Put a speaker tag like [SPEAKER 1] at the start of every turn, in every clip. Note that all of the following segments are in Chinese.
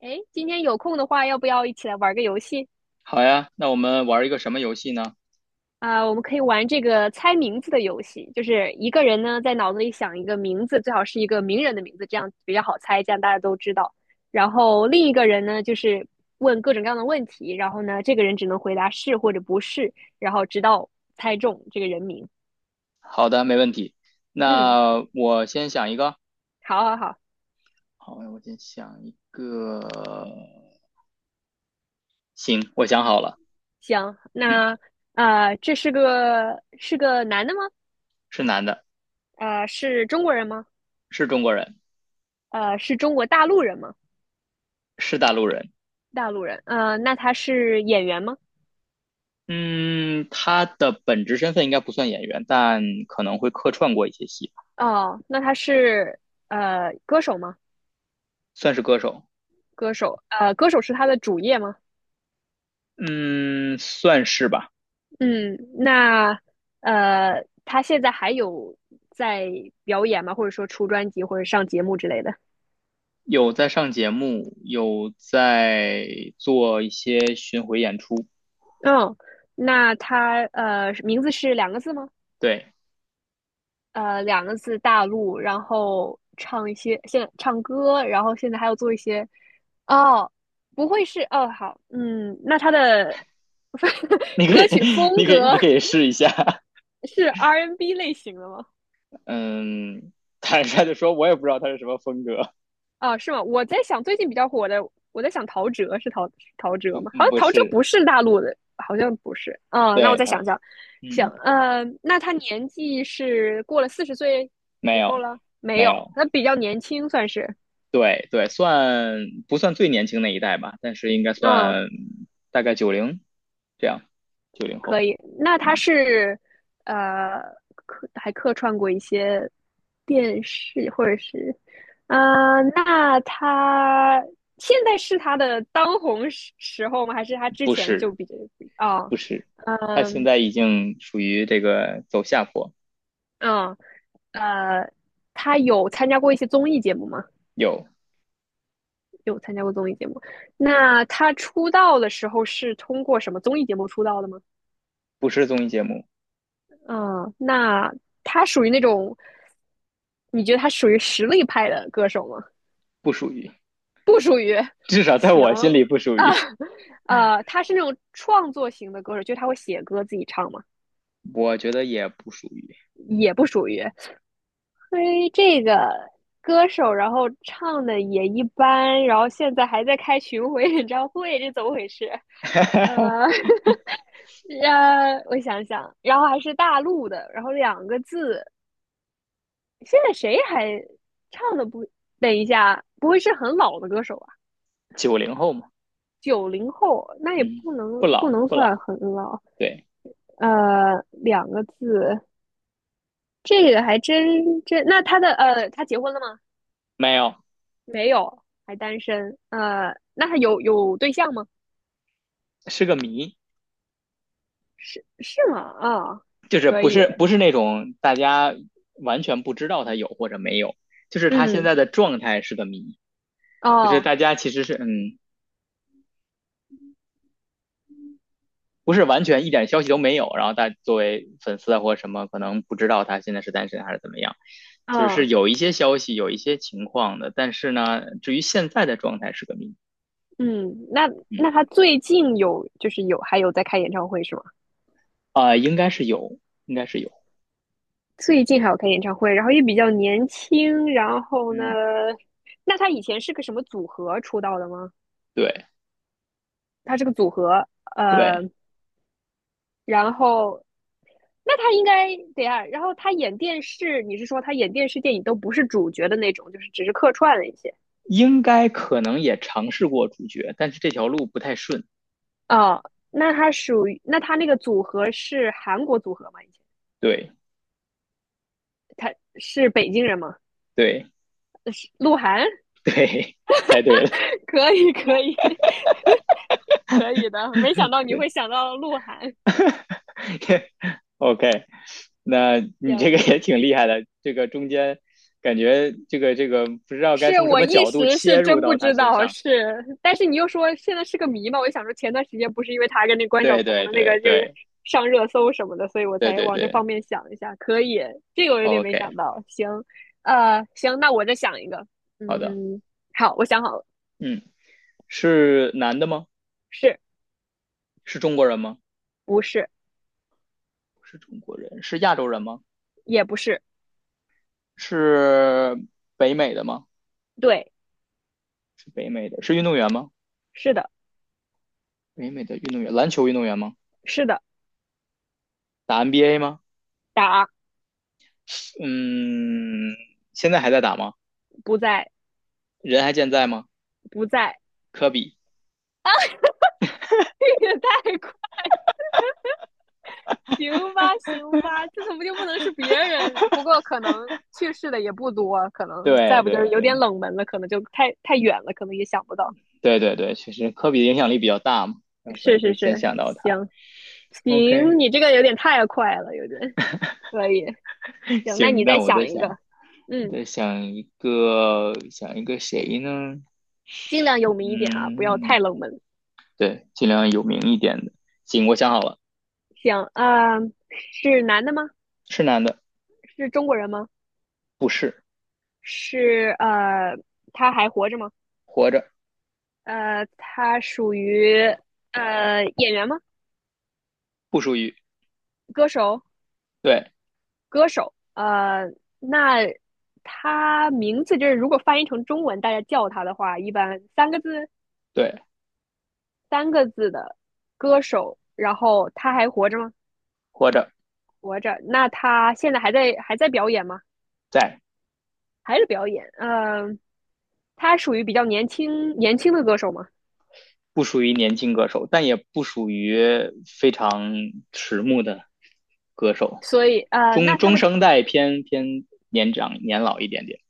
[SPEAKER 1] 诶，今天有空的话，要不要一起来玩个游戏？
[SPEAKER 2] 好呀，那我们玩一个什么游戏呢？
[SPEAKER 1] 我们可以玩这个猜名字的游戏，就是一个人呢在脑子里想一个名字，最好是一个名人的名字，这样比较好猜，这样大家都知道。然后另一个人呢，就是问各种各样的问题，然后呢，这个人只能回答是或者不是，然后直到猜中这个人名。
[SPEAKER 2] 好的，没问题。
[SPEAKER 1] 嗯，
[SPEAKER 2] 那我先想一个。
[SPEAKER 1] 好好好，
[SPEAKER 2] 好，我先想一个。行，我想好了。
[SPEAKER 1] 行，
[SPEAKER 2] 嗯，
[SPEAKER 1] 那这是个男的吗？
[SPEAKER 2] 是男的，
[SPEAKER 1] 是中国人吗？
[SPEAKER 2] 是中国人，
[SPEAKER 1] 是中国大陆人吗？
[SPEAKER 2] 是大陆人。
[SPEAKER 1] 大陆人，那他是演员吗？
[SPEAKER 2] 嗯，他的本职身份应该不算演员，但可能会客串过一些戏吧，
[SPEAKER 1] 哦，那他是歌手吗？
[SPEAKER 2] 算是歌手。
[SPEAKER 1] 歌手，呃，歌手是他的主业吗？
[SPEAKER 2] 嗯，算是吧。
[SPEAKER 1] 嗯，那他现在还有在表演吗？或者说出专辑或者上节目之类的？
[SPEAKER 2] 有在上节目，有在做一些巡回演出。
[SPEAKER 1] 嗯，那他名字是两个字吗？
[SPEAKER 2] 对，
[SPEAKER 1] 呃两个字大陆，然后唱一些现唱歌，然后现在还要做一些哦，不会是哦好，嗯，那他的
[SPEAKER 2] 你 可
[SPEAKER 1] 歌
[SPEAKER 2] 以，
[SPEAKER 1] 曲 风
[SPEAKER 2] 你可以，
[SPEAKER 1] 格
[SPEAKER 2] 你可以试一下。
[SPEAKER 1] 是 R&B N 类型的吗？
[SPEAKER 2] 嗯，坦率的说，我也不知道他是什么风格，
[SPEAKER 1] 啊，是吗？我在想最近比较火的，我在想陶喆是陶
[SPEAKER 2] 不
[SPEAKER 1] 喆吗？好像
[SPEAKER 2] 不
[SPEAKER 1] 陶喆
[SPEAKER 2] 是，
[SPEAKER 1] 不是大陆的，好像不是。嗯，那我
[SPEAKER 2] 对
[SPEAKER 1] 再
[SPEAKER 2] 他，
[SPEAKER 1] 想想，想，
[SPEAKER 2] 嗯，
[SPEAKER 1] 那他年纪是过了四十岁
[SPEAKER 2] 没
[SPEAKER 1] 以后
[SPEAKER 2] 有
[SPEAKER 1] 了？没
[SPEAKER 2] 没
[SPEAKER 1] 有，
[SPEAKER 2] 有，
[SPEAKER 1] 他比较年轻算是。
[SPEAKER 2] 对对，算不算最年轻那一代吧？但是应该
[SPEAKER 1] 嗯，
[SPEAKER 2] 算大概九零这样，九零
[SPEAKER 1] 可
[SPEAKER 2] 后，
[SPEAKER 1] 以，那他
[SPEAKER 2] 嗯，
[SPEAKER 1] 是呃客串过一些电视或者是，呃，那他现在是他的当红时候吗？还是他之
[SPEAKER 2] 不
[SPEAKER 1] 前就
[SPEAKER 2] 是
[SPEAKER 1] 比较哦，
[SPEAKER 2] 不是，他现
[SPEAKER 1] 嗯
[SPEAKER 2] 在已经属于这个走下坡，
[SPEAKER 1] 嗯呃，他有参加过一些综艺节目吗？
[SPEAKER 2] 有
[SPEAKER 1] 有参加过综艺节目。那他出道的时候是通过什么综艺节目出道的吗？
[SPEAKER 2] 不是综艺节目，
[SPEAKER 1] 嗯，那他属于那种，你觉得他属于实力派的歌手吗？
[SPEAKER 2] 不属于，
[SPEAKER 1] 不属于。
[SPEAKER 2] 至少在
[SPEAKER 1] 行
[SPEAKER 2] 我心里不属
[SPEAKER 1] 啊，
[SPEAKER 2] 于，
[SPEAKER 1] 呃，他是那种创作型的歌手，就是他会写歌自己唱嘛？
[SPEAKER 2] 我觉得也不属于
[SPEAKER 1] 也不属于。嘿，这个歌手，然后唱的也一般，然后现在还在开巡回演唱会，这怎么回事？呃，呃，我想想，然后还是大陆的，然后两个字，现在谁还唱的不？等一下，不会是很老的歌手啊？
[SPEAKER 2] 九零后嘛，
[SPEAKER 1] 九零后，那也
[SPEAKER 2] 嗯，不
[SPEAKER 1] 不
[SPEAKER 2] 老
[SPEAKER 1] 能
[SPEAKER 2] 不
[SPEAKER 1] 算
[SPEAKER 2] 老，
[SPEAKER 1] 很老。
[SPEAKER 2] 对，
[SPEAKER 1] 两个字，这个还真。那他的他结婚了吗？
[SPEAKER 2] 没有。
[SPEAKER 1] 还单身？那他有对象吗？
[SPEAKER 2] 是个谜，
[SPEAKER 1] 是吗？
[SPEAKER 2] 就是
[SPEAKER 1] 可
[SPEAKER 2] 不
[SPEAKER 1] 以。
[SPEAKER 2] 是不是那种大家完全不知道他有或者没有，就是他现
[SPEAKER 1] 嗯，
[SPEAKER 2] 在的状态是个谜，就是
[SPEAKER 1] 哦，
[SPEAKER 2] 大家其实是嗯不是完全一点消息都没有，然后大作为粉丝啊或者什么可能不知道他现在是单身还是怎么样，就是
[SPEAKER 1] 嗯
[SPEAKER 2] 有一些消息有一些情况的，但是呢，至于现在的状态是个谜，
[SPEAKER 1] 嗯，那那
[SPEAKER 2] 嗯
[SPEAKER 1] 他最近有就是还有在开演唱会是吗？
[SPEAKER 2] 啊、呃应该是有，应该是有，
[SPEAKER 1] 最近还有开演唱会，然后也比较年轻，然后呢，
[SPEAKER 2] 嗯
[SPEAKER 1] 那他以前是个什么组合出道的吗？
[SPEAKER 2] 对
[SPEAKER 1] 他是个组合，呃，
[SPEAKER 2] 对，
[SPEAKER 1] 然后那他应该对啊，然后他演电视，你是说他演电视电影都不是主角的那种，就是只是客串了一些
[SPEAKER 2] 应该可能也尝试过主角，但是这条路不太顺，
[SPEAKER 1] 哦，那他属于，那他那个组合是韩国组合吗？以前
[SPEAKER 2] 对
[SPEAKER 1] 他是北京人吗？
[SPEAKER 2] 对。
[SPEAKER 1] 是鹿晗，
[SPEAKER 2] 对，猜对了，
[SPEAKER 1] 可以，可以，可以的。没想到你
[SPEAKER 2] 对
[SPEAKER 1] 会想到鹿晗，
[SPEAKER 2] ，OK，那你这个
[SPEAKER 1] 行，
[SPEAKER 2] 也挺厉害的，这个中间感觉这个这个不知道该
[SPEAKER 1] 是
[SPEAKER 2] 从什
[SPEAKER 1] 我
[SPEAKER 2] 么
[SPEAKER 1] 一
[SPEAKER 2] 角度
[SPEAKER 1] 时
[SPEAKER 2] 切
[SPEAKER 1] 是
[SPEAKER 2] 入
[SPEAKER 1] 真不
[SPEAKER 2] 到他
[SPEAKER 1] 知
[SPEAKER 2] 身
[SPEAKER 1] 道，
[SPEAKER 2] 上。
[SPEAKER 1] 是，但是你又说现在是个谜嘛，我就想说前段时间不是因为他跟那关晓
[SPEAKER 2] 对
[SPEAKER 1] 彤
[SPEAKER 2] 对
[SPEAKER 1] 的那
[SPEAKER 2] 对
[SPEAKER 1] 个就是
[SPEAKER 2] 对
[SPEAKER 1] 上热搜什么的，所以我
[SPEAKER 2] 对
[SPEAKER 1] 才
[SPEAKER 2] 对
[SPEAKER 1] 往这
[SPEAKER 2] 对
[SPEAKER 1] 方面想一下。可以，这个我有点没
[SPEAKER 2] ，OK，
[SPEAKER 1] 想到。行，呃，行，那我再想一个。
[SPEAKER 2] 好的，
[SPEAKER 1] 嗯，好，我想好了，
[SPEAKER 2] 嗯，是男的吗？
[SPEAKER 1] 是
[SPEAKER 2] 是中国人吗？
[SPEAKER 1] 不是？
[SPEAKER 2] 不是中国人，是亚洲人吗？
[SPEAKER 1] 也不是，
[SPEAKER 2] 是北美的吗？
[SPEAKER 1] 对，
[SPEAKER 2] 是北美的，是运动员吗？
[SPEAKER 1] 是的，
[SPEAKER 2] 北美的运动员，篮球运动员吗？
[SPEAKER 1] 是的，
[SPEAKER 2] 打 NBA 吗？
[SPEAKER 1] 答，
[SPEAKER 2] 嗯，现在还在打吗？
[SPEAKER 1] 不在，
[SPEAKER 2] 人还健在吗？
[SPEAKER 1] 不在，
[SPEAKER 2] 科比，
[SPEAKER 1] 也太快行吧，行吧，这怎么就不能是别人？不过可能去世的也不多，可能
[SPEAKER 2] 对
[SPEAKER 1] 再不就是
[SPEAKER 2] 对
[SPEAKER 1] 有点
[SPEAKER 2] 对
[SPEAKER 1] 冷门了，可能就太远了，可能也想不到。
[SPEAKER 2] 对对对，确实科比的影响力比较大嘛，那可
[SPEAKER 1] 是
[SPEAKER 2] 能会
[SPEAKER 1] 是
[SPEAKER 2] 先
[SPEAKER 1] 是，
[SPEAKER 2] 想到他。
[SPEAKER 1] 行
[SPEAKER 2] OK，
[SPEAKER 1] 行，你这个有点太快了，有点可以。行，那
[SPEAKER 2] 行，
[SPEAKER 1] 你再
[SPEAKER 2] 那我在
[SPEAKER 1] 想一
[SPEAKER 2] 想，
[SPEAKER 1] 个，
[SPEAKER 2] 我
[SPEAKER 1] 嗯，
[SPEAKER 2] 在想一个，想一个谁呢？
[SPEAKER 1] 尽量有名一点啊，不要
[SPEAKER 2] 嗯，
[SPEAKER 1] 太冷门。
[SPEAKER 2] 对，尽量有名一点的。行，我想好了，
[SPEAKER 1] 行，是男的吗？
[SPEAKER 2] 是男的，
[SPEAKER 1] 是中国人吗？
[SPEAKER 2] 不是，
[SPEAKER 1] 是他还活着吗？
[SPEAKER 2] 活着，
[SPEAKER 1] 他属于演员吗？
[SPEAKER 2] 不属于，
[SPEAKER 1] 歌手？
[SPEAKER 2] 对
[SPEAKER 1] 歌手，那他名字就是如果翻译成中文，大家叫他的话，一般三个字
[SPEAKER 2] 对，
[SPEAKER 1] 三个字的歌手，然后他还活着吗？
[SPEAKER 2] 活着，
[SPEAKER 1] 活着。那他现在还在表演吗？
[SPEAKER 2] 在。
[SPEAKER 1] 还是表演？嗯、呃他属于比较年轻的歌手嘛。
[SPEAKER 2] 不属于年轻歌手，但也不属于非常迟暮的歌手，
[SPEAKER 1] 所以
[SPEAKER 2] 中
[SPEAKER 1] 那他
[SPEAKER 2] 中
[SPEAKER 1] 的
[SPEAKER 2] 生代偏偏年长年老一点点，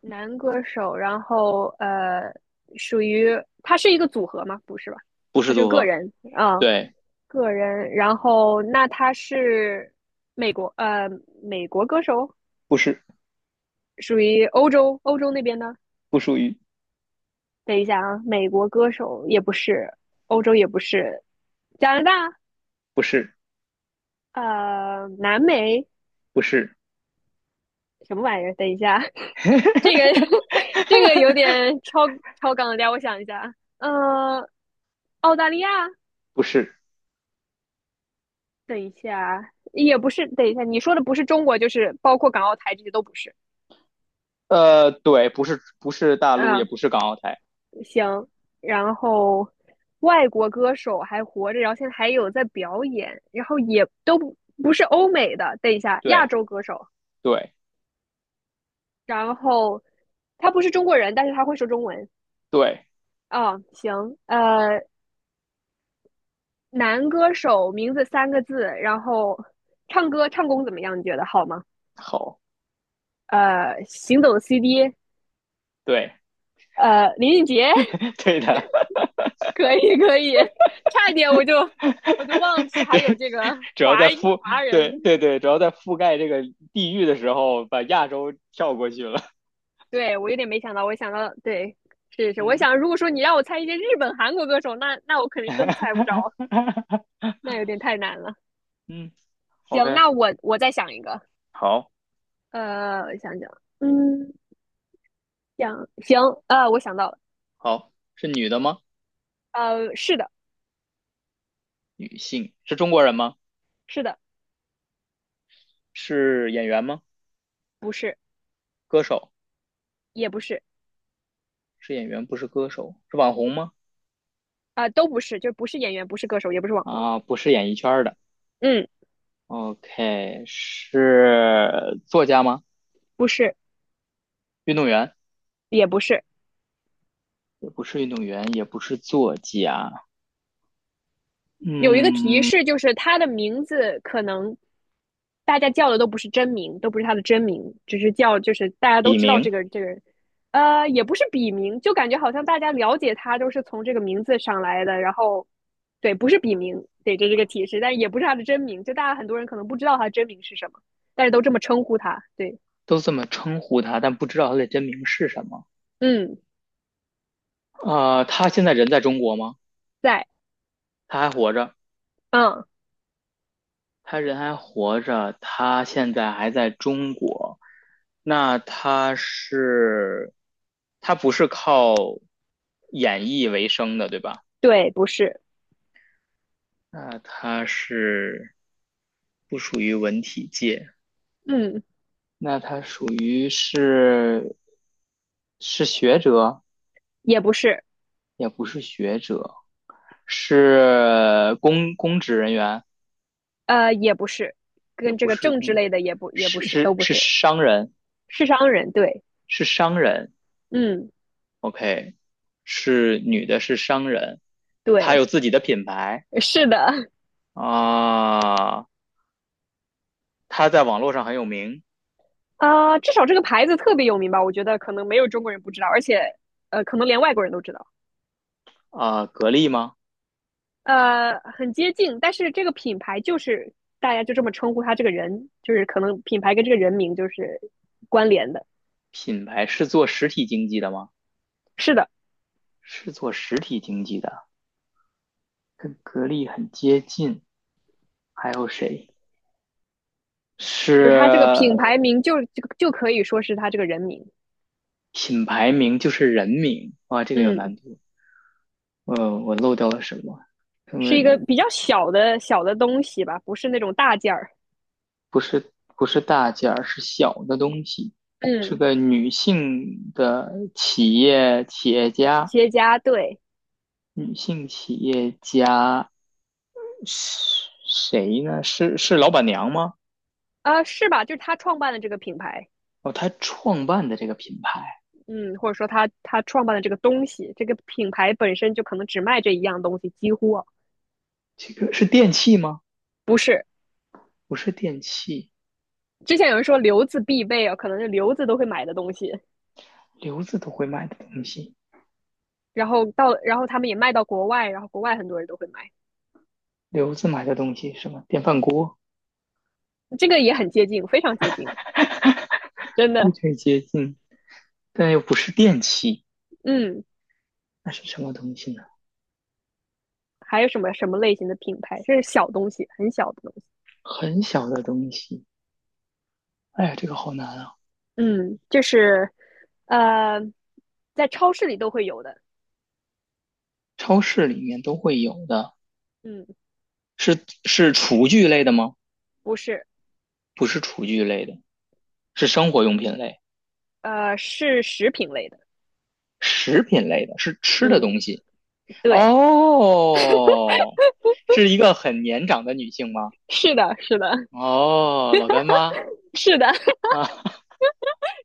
[SPEAKER 1] 男歌手，然后呃，属于他是一个组合吗？不是吧？
[SPEAKER 2] 不是
[SPEAKER 1] 他是
[SPEAKER 2] 组
[SPEAKER 1] 个
[SPEAKER 2] 合，
[SPEAKER 1] 人
[SPEAKER 2] 对，
[SPEAKER 1] 个人，然后那他是美国美国歌手，
[SPEAKER 2] 不是
[SPEAKER 1] 属于欧洲那边的。
[SPEAKER 2] 不属于，
[SPEAKER 1] 等一下啊，美国歌手也不是，欧洲也不是，加拿大
[SPEAKER 2] 不是
[SPEAKER 1] 南美
[SPEAKER 2] 不是
[SPEAKER 1] 什么玩意儿？等一下，这个 这个有点超纲了点，等我想一下，啊，呃，澳大利亚，
[SPEAKER 2] 不是，
[SPEAKER 1] 等一下啊也不是，等一下你说的不是中国，就是包括港澳台这些都不是，
[SPEAKER 2] 呃，对，不是不是大陆，也
[SPEAKER 1] 嗯、
[SPEAKER 2] 不是港澳台，
[SPEAKER 1] 行，然后外国歌手还活着，然后现在还有在表演，然后也都不不是欧美的，等一下，亚
[SPEAKER 2] 对
[SPEAKER 1] 洲歌手，
[SPEAKER 2] 对
[SPEAKER 1] 然后他不是中国人，但是他会说中文
[SPEAKER 2] 对，
[SPEAKER 1] 啊，行，男歌手名字三个字，然后唱歌唱功怎么样？你觉得好吗？
[SPEAKER 2] 好，
[SPEAKER 1] 呃，行走的 CD，
[SPEAKER 2] 对
[SPEAKER 1] 呃，林俊杰，
[SPEAKER 2] 对的，
[SPEAKER 1] 可以可以，差一点我就忘记 还
[SPEAKER 2] 对，
[SPEAKER 1] 有这个
[SPEAKER 2] 主要在
[SPEAKER 1] 华裔
[SPEAKER 2] 覆
[SPEAKER 1] 华人
[SPEAKER 2] 对对对，主要在覆盖这个地域的时候，把亚洲跳过去了。
[SPEAKER 1] 对，我有点没想到，我想到，对，是是，我
[SPEAKER 2] 嗯，
[SPEAKER 1] 想如果说你让我猜一些日本、韩国歌手，那那我肯 定
[SPEAKER 2] 哈
[SPEAKER 1] 真猜不
[SPEAKER 2] 哈
[SPEAKER 1] 着，
[SPEAKER 2] 哈，
[SPEAKER 1] 那有点太难了。
[SPEAKER 2] 嗯
[SPEAKER 1] 行，
[SPEAKER 2] ，OK，
[SPEAKER 1] 那我再想一个，
[SPEAKER 2] 好，
[SPEAKER 1] 呃，我想想，嗯，想行，呃，我想到了，
[SPEAKER 2] 好，是女的吗？
[SPEAKER 1] 呃，是的，
[SPEAKER 2] 女性，是中国人吗？
[SPEAKER 1] 是的，
[SPEAKER 2] 是演员吗？
[SPEAKER 1] 不是，
[SPEAKER 2] 歌手，
[SPEAKER 1] 也不是，
[SPEAKER 2] 是演员，不是歌手，是网红吗？
[SPEAKER 1] 呃，都不是，就不是演员，不是歌手，也不是网红，
[SPEAKER 2] 啊，不是演艺圈儿的。
[SPEAKER 1] 嗯，
[SPEAKER 2] OK，是作家吗？
[SPEAKER 1] 不是，
[SPEAKER 2] 运动员，
[SPEAKER 1] 也不是，
[SPEAKER 2] 也不是运动员，也不是作家。
[SPEAKER 1] 有一个提
[SPEAKER 2] 嗯，
[SPEAKER 1] 示，就是他的名字可能大家叫的都不是真名，都不是他的真名，只是叫就是大家都
[SPEAKER 2] 笔
[SPEAKER 1] 知道
[SPEAKER 2] 名
[SPEAKER 1] 这个人，呃，也不是笔名，就感觉好像大家了解他都是从这个名字上来的，然后对，不是笔名，对，这个提示，但也不是他的真名，就大家很多人可能不知道他真名是什么，但是都这么称呼他，对，
[SPEAKER 2] 都这么称呼他，但不知道他的真名是什么。
[SPEAKER 1] 嗯，
[SPEAKER 2] 啊，他现在人在中国吗？
[SPEAKER 1] 在，
[SPEAKER 2] 他还活着？
[SPEAKER 1] 嗯，
[SPEAKER 2] 他人还活着，他现在还在中国。那他是，他不是靠演艺为生的，对吧？
[SPEAKER 1] 对，不是，
[SPEAKER 2] 那他是不属于文体界，
[SPEAKER 1] 嗯，
[SPEAKER 2] 那他属于是是学者，
[SPEAKER 1] 也不是，
[SPEAKER 2] 也不是学者，是公职人员，
[SPEAKER 1] 呃，也不是，
[SPEAKER 2] 也
[SPEAKER 1] 跟
[SPEAKER 2] 不
[SPEAKER 1] 这个
[SPEAKER 2] 是
[SPEAKER 1] 政治
[SPEAKER 2] 公，
[SPEAKER 1] 类的也不
[SPEAKER 2] 是
[SPEAKER 1] 是，
[SPEAKER 2] 是
[SPEAKER 1] 都不
[SPEAKER 2] 是
[SPEAKER 1] 是。
[SPEAKER 2] 商人，
[SPEAKER 1] 是商人，对，
[SPEAKER 2] 是商人。
[SPEAKER 1] 嗯，
[SPEAKER 2] OK，是女的，是商人，她
[SPEAKER 1] 对，
[SPEAKER 2] 有自己的品牌
[SPEAKER 1] 是的，
[SPEAKER 2] 啊，她在网络上很有名
[SPEAKER 1] 至少这个牌子特别有名吧？我觉得可能没有中国人不知道，而且，呃，可能连外国人都知道，
[SPEAKER 2] 啊。格力吗？
[SPEAKER 1] 呃，很接近，但是这个品牌就是大家就这么称呼他这个人，就是可能品牌跟这个人名就是关联的，
[SPEAKER 2] 品牌是做实体经济的吗？
[SPEAKER 1] 是的，
[SPEAKER 2] 是做实体经济的，跟格力很接近。还有谁是
[SPEAKER 1] 就是他这个品牌名就可以说是他这个人名，
[SPEAKER 2] 品牌名就是人名？哇，这个有难
[SPEAKER 1] 嗯，
[SPEAKER 2] 度。呃，我漏掉了什么？什么？
[SPEAKER 1] 是一个比较小的东西吧，不是那种大件儿，
[SPEAKER 2] 不是不是大件儿，是小的东西，是
[SPEAKER 1] 嗯，
[SPEAKER 2] 个女性的企业家，
[SPEAKER 1] 结家对，
[SPEAKER 2] 女性企业家是谁呢？是老板娘吗？
[SPEAKER 1] 是吧？就是他创办的这个品牌。
[SPEAKER 2] 哦，她创办的这个品牌，
[SPEAKER 1] 嗯，或者说他创办的这个东西，这个品牌本身就可能只卖这一样东西，几乎啊
[SPEAKER 2] 这个是电器吗？
[SPEAKER 1] 不是。
[SPEAKER 2] 不是电器，
[SPEAKER 1] 之前有人说留子必备啊，可能是留子都会买的东西，
[SPEAKER 2] 刘子都会买的东西，
[SPEAKER 1] 然后然后他们也卖到国外，然后国外很多人都会买，
[SPEAKER 2] 刘子买的东西是什么？电饭锅，
[SPEAKER 1] 这个也很接近，非常接近，真
[SPEAKER 2] 非
[SPEAKER 1] 的。
[SPEAKER 2] 常接近，但又不是电器，
[SPEAKER 1] 嗯，
[SPEAKER 2] 那是什么东西呢？
[SPEAKER 1] 还有什么类型的品牌？这是小东西，很小的东西。
[SPEAKER 2] 很小的东西，哎呀，这个好难啊。
[SPEAKER 1] 嗯，就是呃，在超市里都会有的。
[SPEAKER 2] 超市里面都会有的，
[SPEAKER 1] 嗯，
[SPEAKER 2] 是厨具类的吗？
[SPEAKER 1] 不是，
[SPEAKER 2] 不是厨具类的，是生活用品类、
[SPEAKER 1] 呃，是食品类的。
[SPEAKER 2] 食品类的，是吃的
[SPEAKER 1] 嗯，
[SPEAKER 2] 东西。
[SPEAKER 1] 对，
[SPEAKER 2] 哦，是一个很年长的女性吗？
[SPEAKER 1] 是的，是的。
[SPEAKER 2] 哦，老干妈
[SPEAKER 1] 是的，
[SPEAKER 2] 啊，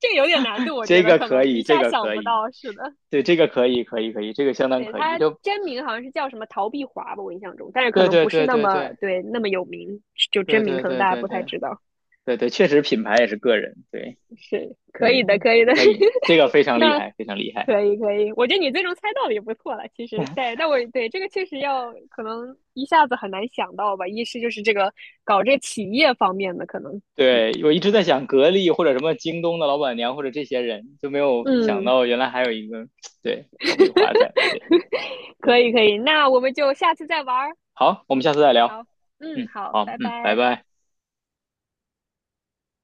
[SPEAKER 1] 这个有点难度，我觉
[SPEAKER 2] 这
[SPEAKER 1] 得
[SPEAKER 2] 个
[SPEAKER 1] 可
[SPEAKER 2] 可
[SPEAKER 1] 能
[SPEAKER 2] 以，
[SPEAKER 1] 一
[SPEAKER 2] 这
[SPEAKER 1] 下
[SPEAKER 2] 个
[SPEAKER 1] 想
[SPEAKER 2] 可
[SPEAKER 1] 不
[SPEAKER 2] 以，
[SPEAKER 1] 到。是的，
[SPEAKER 2] 对，这个可以，可以，可以，这个相当
[SPEAKER 1] 对，
[SPEAKER 2] 可以。
[SPEAKER 1] 他
[SPEAKER 2] 就
[SPEAKER 1] 真名好像是叫什么陶碧华吧，我印象中，但是可
[SPEAKER 2] 对
[SPEAKER 1] 能
[SPEAKER 2] 对
[SPEAKER 1] 不是
[SPEAKER 2] 对
[SPEAKER 1] 那
[SPEAKER 2] 对
[SPEAKER 1] 么
[SPEAKER 2] 对
[SPEAKER 1] 那么有名，就
[SPEAKER 2] 对
[SPEAKER 1] 真名
[SPEAKER 2] 对
[SPEAKER 1] 可能
[SPEAKER 2] 对
[SPEAKER 1] 大家
[SPEAKER 2] 对
[SPEAKER 1] 不太
[SPEAKER 2] 对
[SPEAKER 1] 知道。
[SPEAKER 2] 对对，确实品牌也是个人，对
[SPEAKER 1] 是可以
[SPEAKER 2] 对
[SPEAKER 1] 的，
[SPEAKER 2] 对，
[SPEAKER 1] 可以的，
[SPEAKER 2] 可以，这个非 常厉
[SPEAKER 1] 那
[SPEAKER 2] 害，非常厉害。
[SPEAKER 1] 可以可以，我觉得你最终猜到了也不错了。其实，对，但我对这个确实要可能一下子很难想到吧。一是就是这个搞这个企业方面的可能。
[SPEAKER 2] 对，我一直在想格力或者什么京东的老板娘或者这些人，就没有想
[SPEAKER 1] 嗯，
[SPEAKER 2] 到原来还有一个对逃避华仔。对
[SPEAKER 1] 可
[SPEAKER 2] 对，
[SPEAKER 1] 以可以，那我们就下次再玩儿。
[SPEAKER 2] 好，我们下次再聊。
[SPEAKER 1] 好，嗯，
[SPEAKER 2] 嗯，
[SPEAKER 1] 好，
[SPEAKER 2] 好，
[SPEAKER 1] 拜
[SPEAKER 2] 嗯，拜
[SPEAKER 1] 拜。
[SPEAKER 2] 拜。